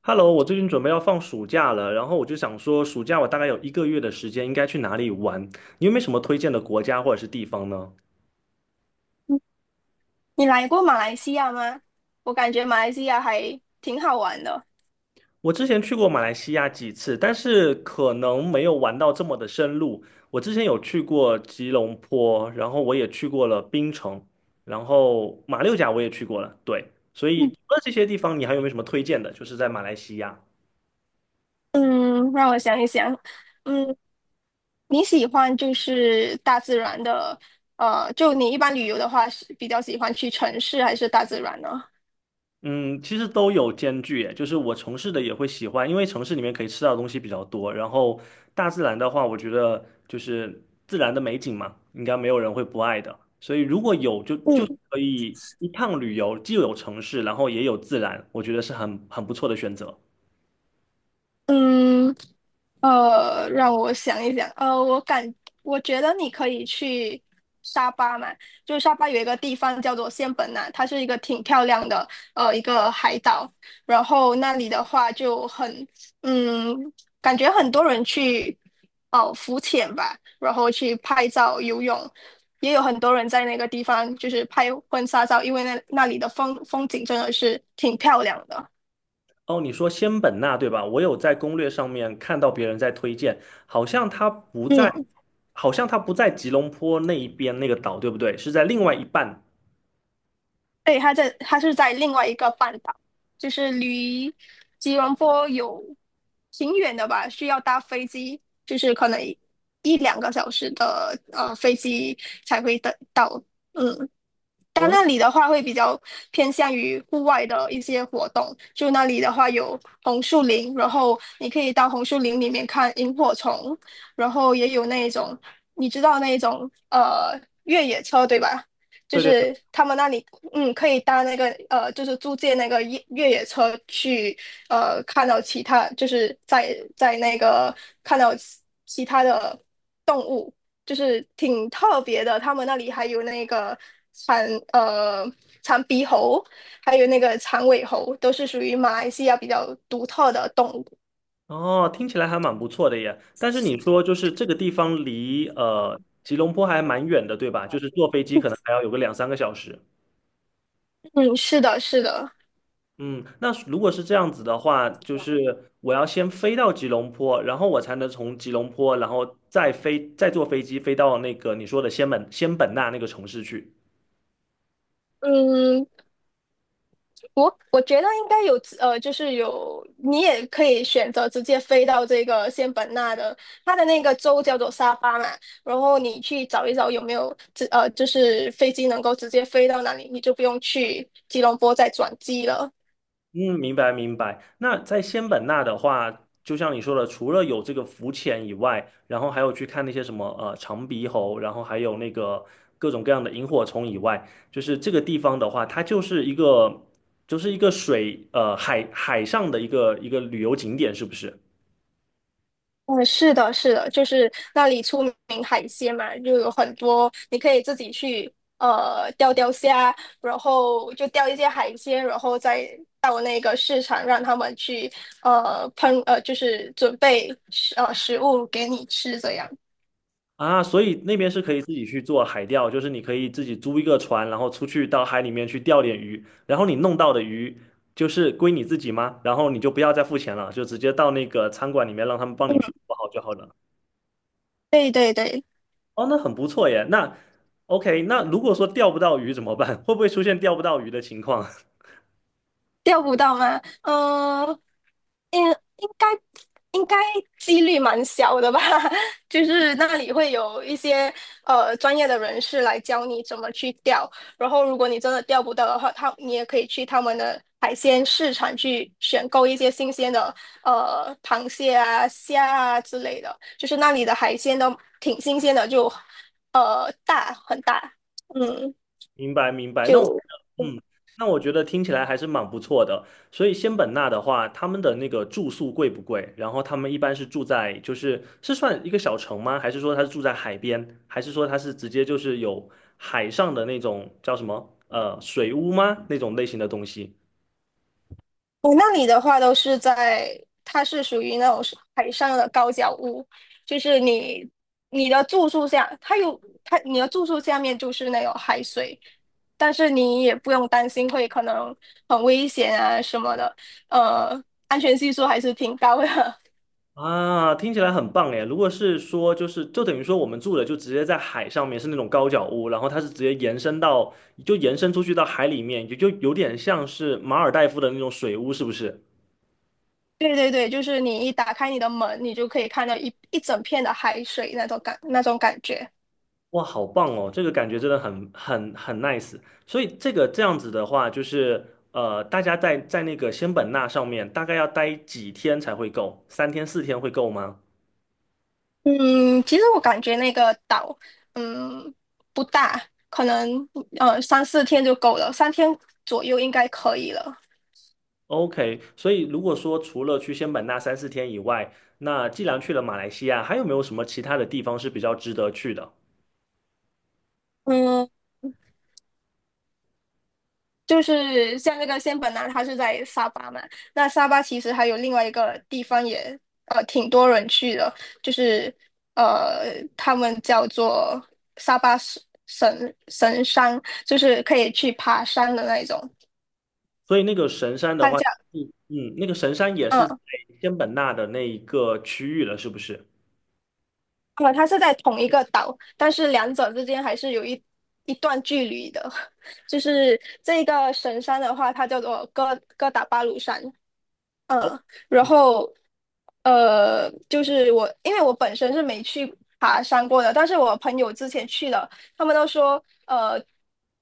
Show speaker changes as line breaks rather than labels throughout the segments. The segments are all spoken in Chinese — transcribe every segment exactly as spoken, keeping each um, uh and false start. Hello，我最近准备要放暑假了，然后我就想说，暑假我大概有一个月的时间，应该去哪里玩？你有没有什么推荐的国家或者是地方呢？
嗯你来过马来西亚吗？我感觉马来西亚还挺好玩的。
我之前去过马来西亚几次，但是可能没有玩到这么的深入。我之前有去过吉隆坡，然后我也去过了槟城，然后马六甲我也去过了，对。所以
嗯，
除了这些地方，你还有没有什么推荐的？就是在马来西亚。
嗯让我想一想。嗯，你喜欢就是大自然的，呃，就你一般旅游的话，是比较喜欢去城市还是大自然呢？
嗯，其实都有兼具耶，就是我城市的也会喜欢，因为城市里面可以吃到的东西比较多。然后大自然的话，我觉得就是自然的美景嘛，应该没有人会不爱的。所以如果有就就
嗯
可以一趟旅游，既有城市，然后也有自然，我觉得是很很不错的选择。
嗯，呃，让我想一想，呃，我感我觉得你可以去沙巴嘛，就是沙巴有一个地方叫做仙本那，它是一个挺漂亮的呃一个海岛，然后那里的话就很嗯，感觉很多人去哦浮潜吧，然后去拍照、游泳，也有很多人在那个地方就是拍婚纱照，因为那那里的风风景真的是挺漂亮的。
哦，你说仙本那对吧？我有在攻略上面看到别人在推荐，好像它不在，
嗯。
好像它不在吉隆坡那一边那个岛，对不对？是在另外一半。
对，他在他是在另外一个半岛，就是离吉隆坡有挺远的吧，需要搭飞机，就是可能一一两个小时的呃飞机才会得到。嗯，但
哦，
那里的话会比较偏向于户外的一些活动，就那里的话有红树林，然后你可以到红树林里面看萤火虫，然后也有那种你知道那种呃越野车对吧？就
那
是他们那里嗯可以搭那个呃就是租借那个越越野车去呃看到其他就是在在那个看到其其他的动物，就是挺特别的。他们那里还有那个长呃长鼻猴，还有那个长尾猴，都是属于马来西亚比较独特的动物。
哦，听起来还蛮不错的耶。但是你说就是这个地方离呃吉隆坡还蛮远的，对吧？就是坐飞机可能还要有个两三个小时。
嗯，是的，是的。
嗯，那如果是这样子的话，就是我要先飞到吉隆坡，然后我才能从吉隆坡，然后再飞再坐飞机飞到那个你说的仙本仙本那那个城市去。
嗯，我我觉得应该有呃，就是有你也可以选择直接飞到这个仙本那的，它的那个州叫做沙巴嘛，然后你去找一找有没有直呃，就是飞机能够直接飞到那里，你就不用去吉隆坡再转机了。
嗯，明白明白。那在仙本那的话，就像你说的，除了有这个浮潜以外，然后还有去看那些什么呃长鼻猴，然后还有那个各种各样的萤火虫以外，就是这个地方的话，它就是一个就是一个水呃海海上的一个一个旅游景点，是不是？
嗯，是的，是的，就是那里出名海鲜嘛，就有很多你可以自己去呃钓钓虾，然后就钓一些海鲜，然后再到那个市场让他们去呃烹呃就是准备食呃食物给你吃这样。
啊，所以那边是可以自己去做海钓，就是你可以自己租一个船，然后出去到海里面去钓点鱼，然后你弄到的鱼就是归你自己吗？然后你就不要再付钱了，就直接到那个餐馆里面让他们帮你去做好就好了。
对对对，
哦，那很不错耶。那 OK,那如果说钓不到鱼怎么办？会不会出现钓不到鱼的情况？
钓不到吗？嗯、嗯，应该应该几率蛮小的吧，就是那里会有一些呃专业的人士来教你怎么去钓，然后如果你真的钓不到的话，他你也可以去他们的海鲜市场去选购一些新鲜的呃螃蟹啊、虾啊之类的，就是那里的海鲜都挺新鲜的，就呃大很大，嗯，
明白明白，那我
就。
嗯，那我觉得听起来还是蛮不错的。所以仙本那的话，他们的那个住宿贵不贵？然后他们一般是住在，就是是算一个小城吗？还是说他是住在海边？还是说他是直接就是有海上的那种叫什么呃水屋吗？那种类型的东西？
我那里的话都是在，它是属于那种是海上的高脚屋，就是你你的住宿下，它有它你的住宿下面就是那种海水，但是你也不用担心会可能很危险啊什么的，呃，安全系数还是挺高的。
啊，听起来很棒哎！如果是说，就是就等于说我们住的就直接在海上面，是那种高脚屋，然后它是直接延伸到，就延伸出去到海里面，也就有点像是马尔代夫的那种水屋，是不是？
对对对，就是你一打开你的门，你就可以看到一一整片的海水那种感那种感觉。
哇，好棒哦！这个感觉真的很很很 nice。所以这个这样子的话，就是呃，大家在在那个仙本那上面大概要待几天才会够？三天四天会够吗？
嗯，其实我感觉那个岛，嗯，不大，可能呃三四天就够了，三天左右应该可以了。
OK,所以如果说除了去仙本那三四天以外，那既然去了马来西亚，还有没有什么其他的地方是比较值得去的？
嗯，就是像那个仙本那，它是在沙巴嘛，那沙巴其实还有另外一个地方也呃挺多人去的，就是呃他们叫做沙巴神神神山，就是可以去爬山的那一种，
所以那个神山的
它
话，
叫。
嗯嗯，那个神山也是在
嗯。
仙本那的那一个区域了，是不是？
呃，它是在同一个岛，但是两者之间还是有一一段距离的。就是这个神山的话，它叫做哥哥打巴鲁山。
哦
嗯，然后呃，就是我，因为我本身是没去爬山过的，但是我朋友之前去了，他们都说，呃，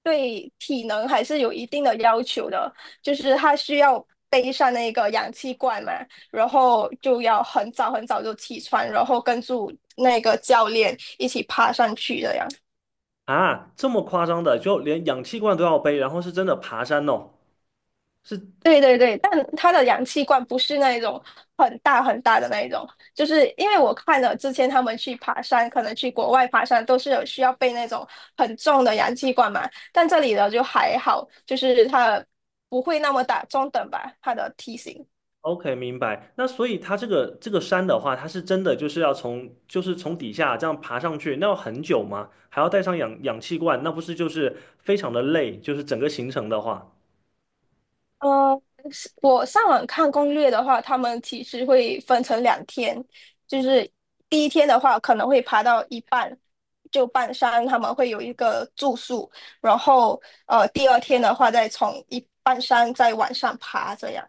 对体能还是有一定的要求的，就是他需要背上那个氧气罐嘛，然后就要很早很早就起床，然后跟住那个教练一起爬上去的呀。
啊，这么夸张的，就连氧气罐都要背，然后是真的爬山哦，是
对对对，但它的氧气罐不是那一种很大很大的那一种，就是因为我看了之前他们去爬山，可能去国外爬山都是有需要背那种很重的氧气罐嘛，但这里的就还好，就是它不会那么大，中等吧，它的体型。
OK,明白。那所以它这个这个山的话，它是真的就是要从就是从底下这样爬上去，那要很久吗？还要带上氧氧气罐，那不是就是非常的累？就是整个行程的话，
呃，是我上网看攻略的话，他们其实会分成两天，就是第一天的话可能会爬到一半，就半山他们会有一个住宿，然后呃第二天的话再从一半山再往上爬这样。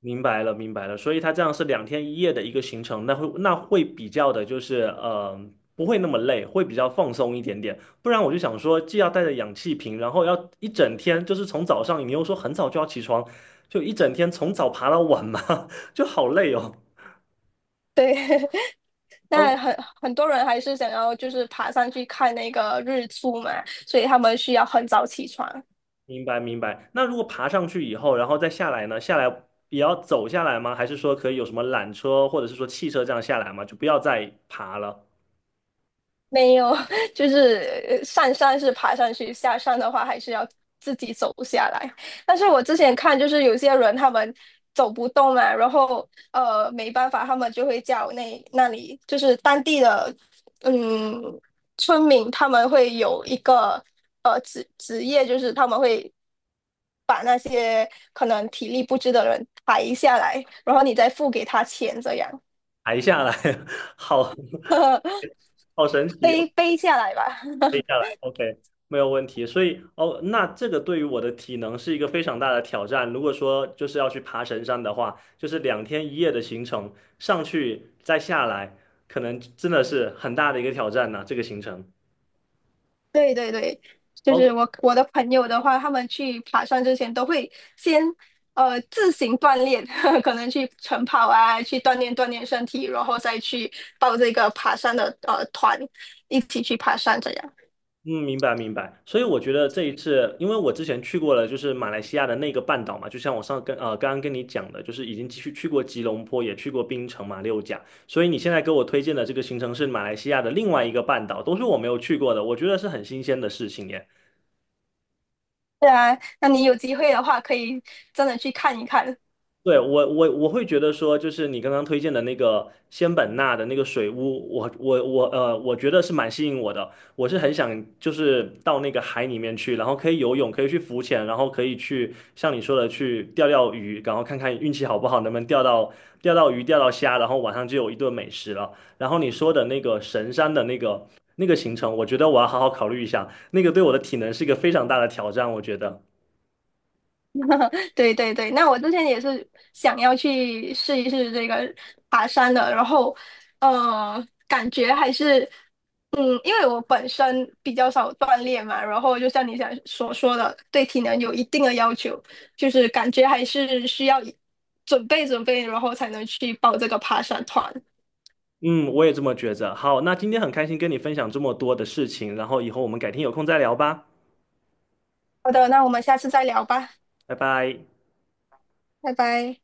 明白了，明白了。所以它这样是两天一夜的一个行程，那会那会比较的就是呃不会那么累，会比较放松一点点。不然我就想说，既要带着氧气瓶，然后要一整天，就是从早上你又说很早就要起床，就一整天从早爬到晚嘛，就好累哦。
对，
OK
那很很多人还是想要就是爬上去看那个日出嘛，所以他们需要很早起床。
明白明白。那如果爬上去以后，然后再下来呢？下来也要走下来吗？还是说可以有什么缆车或者是说汽车这样下来吗？就不要再爬了，
没有，就是呃上山是爬上去，下山的话还是要自己走下来。但是我之前看，就是有些人他们走不动嘛，然后呃没办法，他们就会叫那那里就是当地的嗯村民，他们会有一个呃职职业，就是他们会把那些可能体力不支的人抬下来，然后你再付给他钱，这样
抬下来，好 好神奇哦，
背背下来吧。
可以下来，OK,没有问题。所以哦，那这个对于我的体能是一个非常大的挑战。如果说就是要去爬神山的话，就是两天一夜的行程，上去再下来，可能真的是很大的一个挑战呢、这个行程。
对对对，就
OK
是我我的朋友的话，他们去爬山之前都会先呃自行锻炼，可能去晨跑啊，去锻炼锻炼身体，然后再去报这个爬山的呃团，一起去爬山这样。
嗯，明白明白。所以我觉得这一次，因为我之前去过了，就是马来西亚的那个半岛嘛，就像我上跟呃刚刚跟你讲的，就是已经去去过吉隆坡，也去过槟城、马六甲。所以你现在给我推荐的这个行程是马来西亚的另外一个半岛，都是我没有去过的，我觉得是很新鲜的事情耶。
对啊，那你有机会的话，可以真的去看一看。
对，我我我会觉得说，就是你刚刚推荐的那个仙本那的那个水屋，我我我呃，我觉得是蛮吸引我的。我是很想就是到那个海里面去，然后可以游泳，可以去浮潜，然后可以去像你说的去钓钓鱼，然后看看运气好不好，能不能钓到钓到鱼、钓到虾，然后晚上就有一顿美食了。然后你说的那个神山的那个那个行程，我觉得我要好好考虑一下，那个对我的体能是一个非常大的挑战，我觉得。
对对对，那我之前也是想要去试一试这个爬山的，然后呃，感觉还是嗯，因为我本身比较少锻炼嘛，然后就像你想所说的，对体能有一定的要求，就是感觉还是需要准备准备，然后才能去报这个爬山团。
嗯，我也这么觉着。好，那今天很开心跟你分享这么多的事情，然后以后我们改天有空再聊吧，
好的，那我们下次再聊吧，
拜拜。
拜拜。